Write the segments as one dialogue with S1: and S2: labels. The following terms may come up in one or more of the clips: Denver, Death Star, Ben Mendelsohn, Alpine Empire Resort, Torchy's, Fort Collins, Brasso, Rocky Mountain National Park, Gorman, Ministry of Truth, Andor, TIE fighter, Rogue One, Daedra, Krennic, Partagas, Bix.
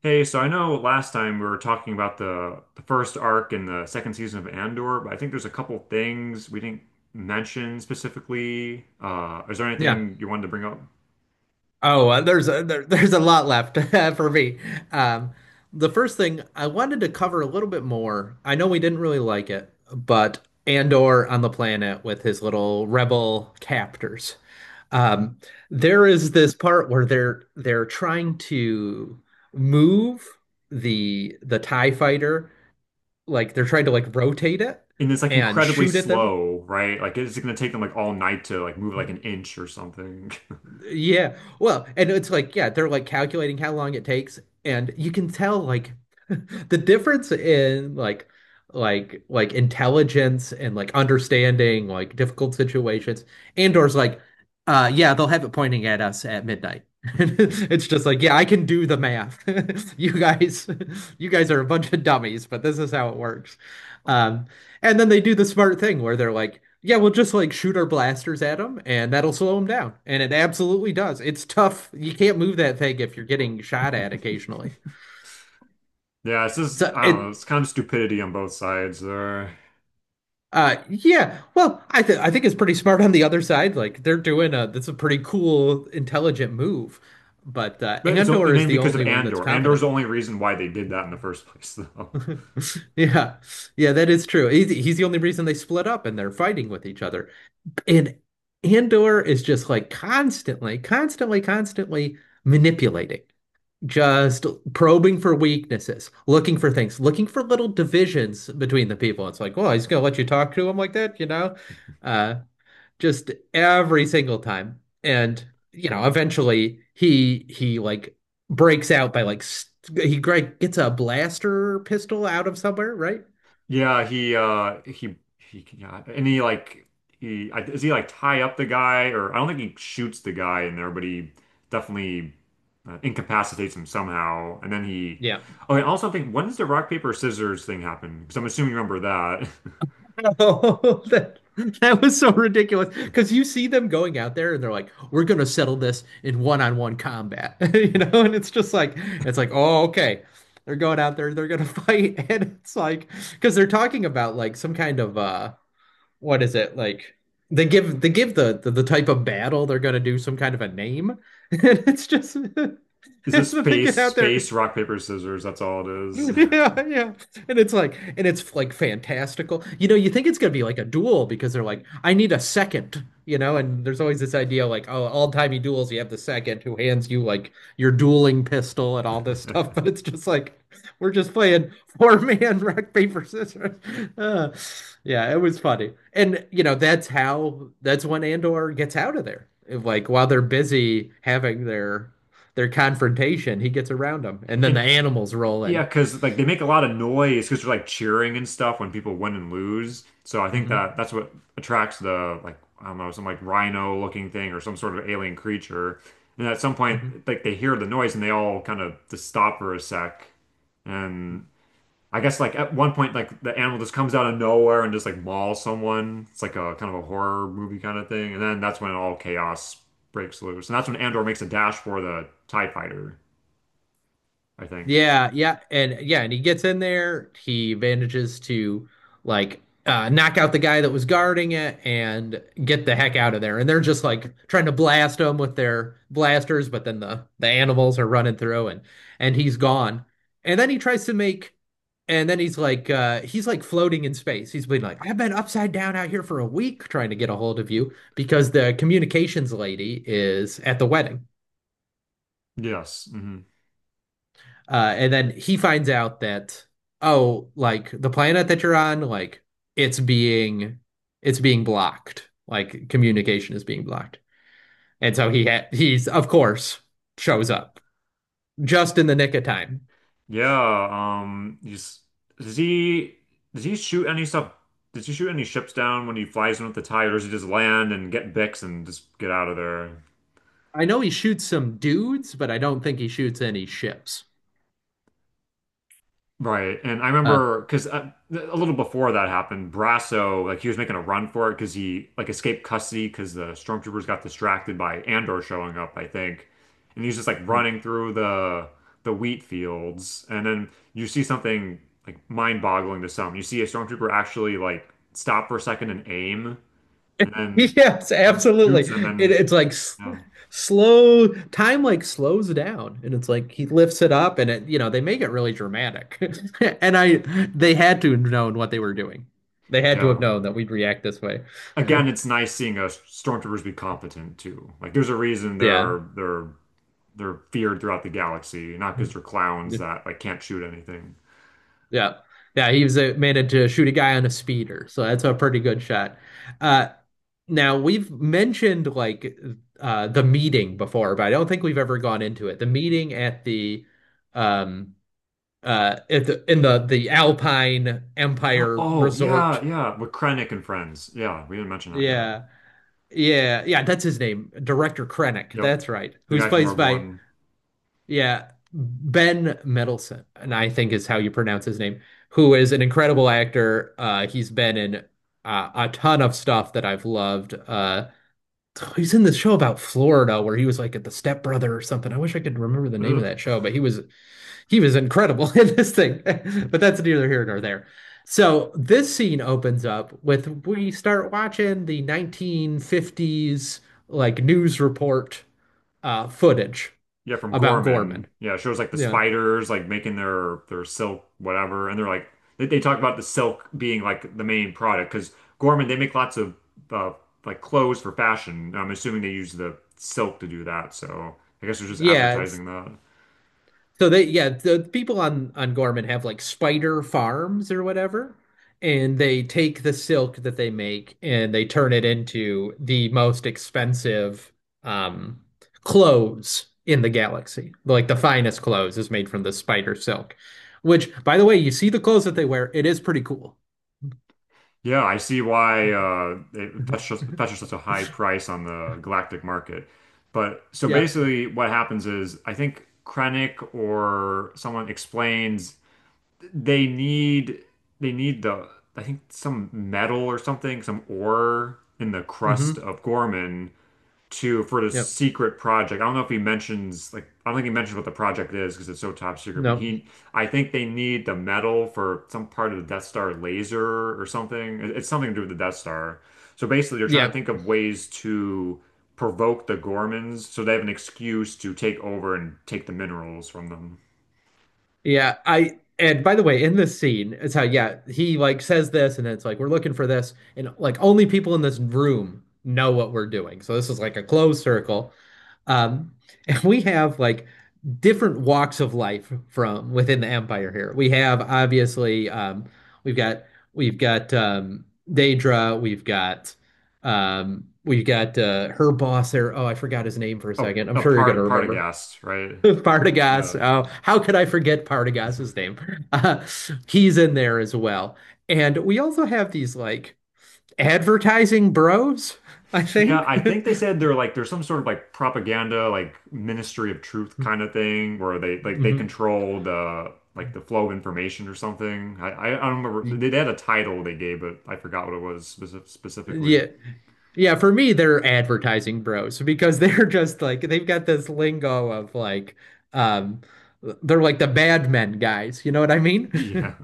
S1: Hey, so I know last time we were talking about the first arc in the second season of Andor, but I think there's a couple things we didn't mention specifically. Is there
S2: Yeah.
S1: anything you wanted to bring up?
S2: Oh, there's a there, there's a lot left for me. Um, the first thing I wanted to cover a little bit more. I know we didn't really like it, but Andor on the planet with his little rebel captors. Um, there is this part where they're trying to move the TIE fighter, like they're trying to like rotate it
S1: And it's like
S2: and
S1: incredibly
S2: shoot at them.
S1: slow, right? Like it's gonna take them like all night to like move like an inch or something.
S2: Yeah. Well, and it's like, yeah, they're like calculating how long it takes, and you can tell like the difference in like like intelligence and like understanding like difficult situations. Andor's like, yeah, they'll have it pointing at us at midnight. It's just like, yeah, I can do the math. You guys you guys are a bunch of dummies, but this is how it works. Um and then they do the smart thing where they're like, yeah, we'll just like shoot our blasters at them and that'll slow them down. And it absolutely does. It's tough. You can't move that thing if you're getting shot at occasionally.
S1: Yeah, it's just
S2: So
S1: I don't know,
S2: it
S1: it's kind of stupidity on both sides there.
S2: yeah, well, I think it's pretty smart on the other side. Like they're doing a that's a pretty cool intelligent move. But
S1: But it's only
S2: Andor is
S1: mainly
S2: the
S1: because of
S2: only one that's
S1: Andor. Andor's
S2: competent.
S1: the only reason why they did that in the first place, though.
S2: Yeah. Yeah, that is true. He's the only reason they split up and they're fighting with each other. And Andor is just like constantly manipulating, just probing for weaknesses, looking for things, looking for little divisions between the people. It's like, well, he's gonna let you talk to him like that, you know? Uh, just every single time. And, you know, eventually he like breaks out by like st he like gets a blaster pistol out of somewhere, right?
S1: Yeah, he yeah, and he like is he like tie up the guy? Or I don't think he shoots the guy in there, but he definitely incapacitates him somehow. And then he
S2: Yeah.
S1: oh, I also think, when does the rock paper scissors thing happen? Because I'm assuming you remember that.
S2: Oh, that was so ridiculous. Because you see them going out there and they're like, we're going to settle this in one-on-one combat. You know, and it's just like, it's like, oh, okay. They're going out there, they're going to fight. And it's like, because they're talking about like some kind of, what is it? Like, they give the type of battle they're going to do some kind of a name. And it's just,
S1: Is this
S2: they get
S1: space
S2: out there.
S1: space rock paper scissors? That's all it is.
S2: Yeah, yeah. And it's like fantastical. You know, you think it's gonna be like a duel because they're like, I need a second, you know, and there's always this idea like, oh, all timey duels, you have the second who hands you like your dueling pistol and all this stuff, but it's just like we're just playing four man rock, paper, scissors. Uh, yeah, it was funny. And you know, that's when Andor gets out of there. Like while they're busy having their confrontation, he gets around them, and then the
S1: And
S2: animals roll
S1: yeah,
S2: in.
S1: because like they make a lot of noise because they're like cheering and stuff when people win and lose. So I think
S2: hmm
S1: that that's what attracts the, like, I don't know, some like rhino looking thing or some sort of alien creature. And at some point,
S2: hmm
S1: like they hear the noise and they all kind of just stop for a sec. And I guess like at one point, like the animal just comes out of nowhere and just like mauls someone. It's like a kind of a horror movie kind of thing. And then that's when all chaos breaks loose. And that's when Andor makes a dash for the TIE fighter, I think.
S2: Yeah, yeah, and he gets in there. He manages to like knock out the guy that was guarding it and get the heck out of there. And they're just like trying to blast him with their blasters, but then the animals are running through, and he's gone. And then he tries to make, and then he's like floating in space. He's been like, I've been upside down out here for a week trying to get a hold of you because the communications lady is at the wedding.
S1: Yes. Mhm.
S2: And then he finds out that, oh, like the planet that you're on, like it's being it's being blocked. Like communication is being blocked. And so he's of course shows up just in the nick of time.
S1: Yeah, he's does he does he shoot any stuff? Does he shoot any ships down when he flies in with the tide, or does he just land and get Bix and just get out of there?
S2: I know he shoots some dudes, but I don't think he shoots any ships.
S1: Right. And I
S2: Uh,
S1: remember because a little before that happened, Brasso, like he was making a run for it because he like escaped custody because the stormtroopers got distracted by Andor showing up, I think. And he's just like running through the wheat fields. And then you see something like mind-boggling to some. You see a stormtrooper actually like stop for a second and aim and then
S2: Yes,
S1: and
S2: absolutely.
S1: shoots him and
S2: It's like
S1: yeah.
S2: slow time like slows down and it's like he lifts it up and it, you know, they make it really dramatic. And I they had to have known what they were doing. They had to have
S1: Yeah,
S2: known that we'd react this way.
S1: again, it's nice seeing us stormtroopers be competent too. Like there's a reason
S2: Yeah.
S1: they're they are feared throughout the galaxy, not because they're clowns that like can't shoot anything.
S2: Yeah. Yeah, he was managed to shoot a guy on a speeder. So that's a pretty good shot. Uh now we've mentioned like the meeting before, but I don't think we've ever gone into it. The meeting at the um at the Alpine Empire
S1: Oh yeah,
S2: Resort.
S1: yeah, with Krennic and friends. Yeah, we didn't mention that yet.
S2: Yeah. Yeah, yeah, that's his name, Director Krennic.
S1: Yep,
S2: That's right.
S1: the
S2: Who's
S1: guy from
S2: plays
S1: Rogue
S2: by
S1: One.
S2: yeah, Ben Mendelsohn, and I think is how you pronounce his name, who is an incredible actor. He's been in a ton of stuff that I've loved. He's in this show about Florida where he was like at the Step Brother or something. I wish I could remember the name of that
S1: Ugh.
S2: show, but he was incredible in this thing, but that's neither here nor there. So this scene opens up with we start watching the 1950s like news report footage
S1: Yeah, from
S2: about Gorman.
S1: Gorman. Yeah, it shows like the
S2: Yeah,
S1: spiders like making their silk whatever, and they're like they talk about the silk being like the main product because Gorman they make lots of uh, like clothes for fashion. I'm assuming they use the silk to do that. So I guess they're just
S2: yeah, it's
S1: advertising that.
S2: so yeah, the people on Gorman have like spider farms or whatever, and they take the silk that they make and they turn it into the most expensive um clothes in the galaxy. Like the finest clothes is made from the spider silk, which, by the way, you see the clothes that they wear. It is pretty cool.
S1: Yeah, I see why it
S2: Mhm.
S1: fetches, fetches such a high price on the galactic market. But so
S2: Yeah.
S1: basically, what happens is I think Krennic or someone explains. they need they need the I think some metal or something, some ore in the crust
S2: Hmm.
S1: of Gorman to for this
S2: Yep.
S1: secret project. I don't know if he mentions like I don't think he mentions what the project is because it's so top secret, but
S2: No.
S1: he I think they need the metal for some part of the Death Star laser or something. It's something to do with the Death Star. So basically they're trying to
S2: Yeah.
S1: think of ways to provoke the Gormans so they have an excuse to take over and take the minerals from them.
S2: Yeah, I, and by the way, in this scene, it's how yeah, he like says this and then it's like we're looking for this and like only people in this room know what we're doing. So this is like a closed circle. Um and we have like different walks of life from within the empire here. We have obviously we've got we've got Daedra, we've got her boss there. Oh, I forgot his name for a
S1: Oh,
S2: second. I'm
S1: a
S2: sure you're gonna
S1: part part of
S2: remember.
S1: gas, right?
S2: Partagas.
S1: Yeah.
S2: Oh, how could I forget Partagas's name? Uh, he's in there as well. And we also have these like advertising bros, I
S1: Yeah,
S2: think.
S1: I think they said they're like there's some sort of like propaganda, like Ministry of Truth kind of thing where they like they
S2: Mhm.
S1: control the like the flow of information or something. I don't remember they had a title they gave but I forgot what it was speci specifically.
S2: Yeah. Yeah, for me, they're advertising bros because they're just like they've got this lingo of like um they're like the bad men guys, you know what I mean?
S1: Yeah.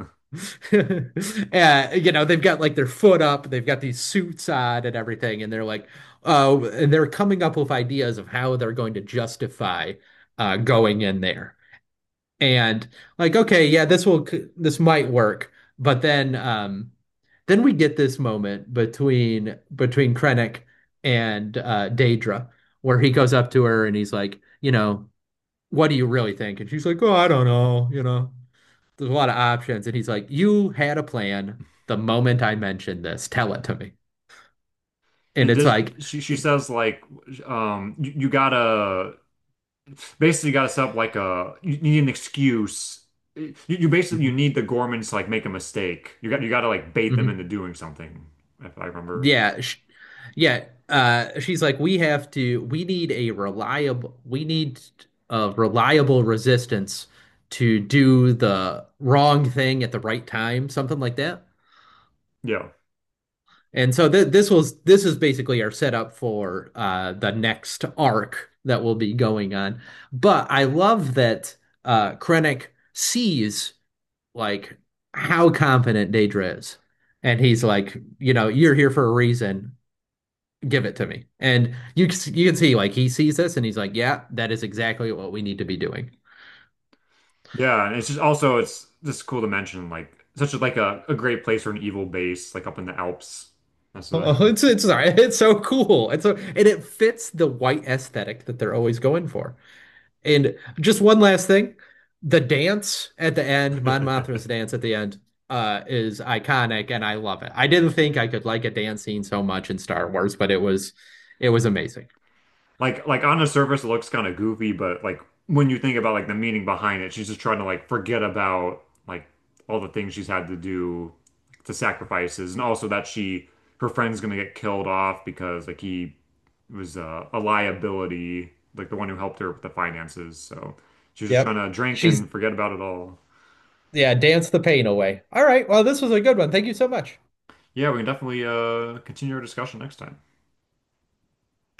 S2: You know, they've got like their foot up, they've got these suits on and everything, and they're like, oh, and they're coming up with ideas of how they're going to justify going in there and like okay, yeah, this might work, but then we get this moment between Krennic and Daedra, where he goes up to her and he's like, you know, what do you really think? And she's like, oh, I don't know, you know, there's a lot of options. And he's like, you had a plan the moment I mentioned this, tell it to me. And
S1: And
S2: it's
S1: just
S2: like
S1: she says like you, you gotta basically gotta set up like a you you need an excuse. You basically you
S2: mhm,
S1: need the Gormans to like make a mistake. You got you gotta like bait them into
S2: mhm.
S1: doing something, if I remember.
S2: Yeah, sh yeah. She's like, we have to. We need a reliable resistance to do the wrong thing at the right time, something like that.
S1: Yeah.
S2: And so th this was this is basically our setup for the next arc that will be going on. But I love that Krennic sees like how competent Daedra is, and he's like, you know, you're here for a reason. Give it to me. And you can see like he sees this and he's like, yeah, that is exactly what we need to be doing.
S1: Yeah, and it's just also it's just cool to mention like such a, like a great place for an evil base, like up in the Alps. That's a
S2: Oh, it's it's so cool. It's so, and it fits the white aesthetic that they're always going for. And just one last thing, the dance at the end, Mon Mothma's dance at the end, is iconic, and I love it. I didn't think I could like a dance scene so much in Star Wars, but it was amazing.
S1: like on the surface it looks kind of goofy, but like when you think about like the meaning behind it, she's just trying to like forget about like all the things she's had to do, like, the sacrifices, and also that she her friend's gonna get killed off because like he was a liability, like the one who helped her with the finances. So she's just trying
S2: Yep.
S1: to drink
S2: She's
S1: and forget about it all.
S2: yeah, dance the pain away. All right. Well, this was a good one. Thank you so much.
S1: Yeah, we can definitely continue our discussion next time.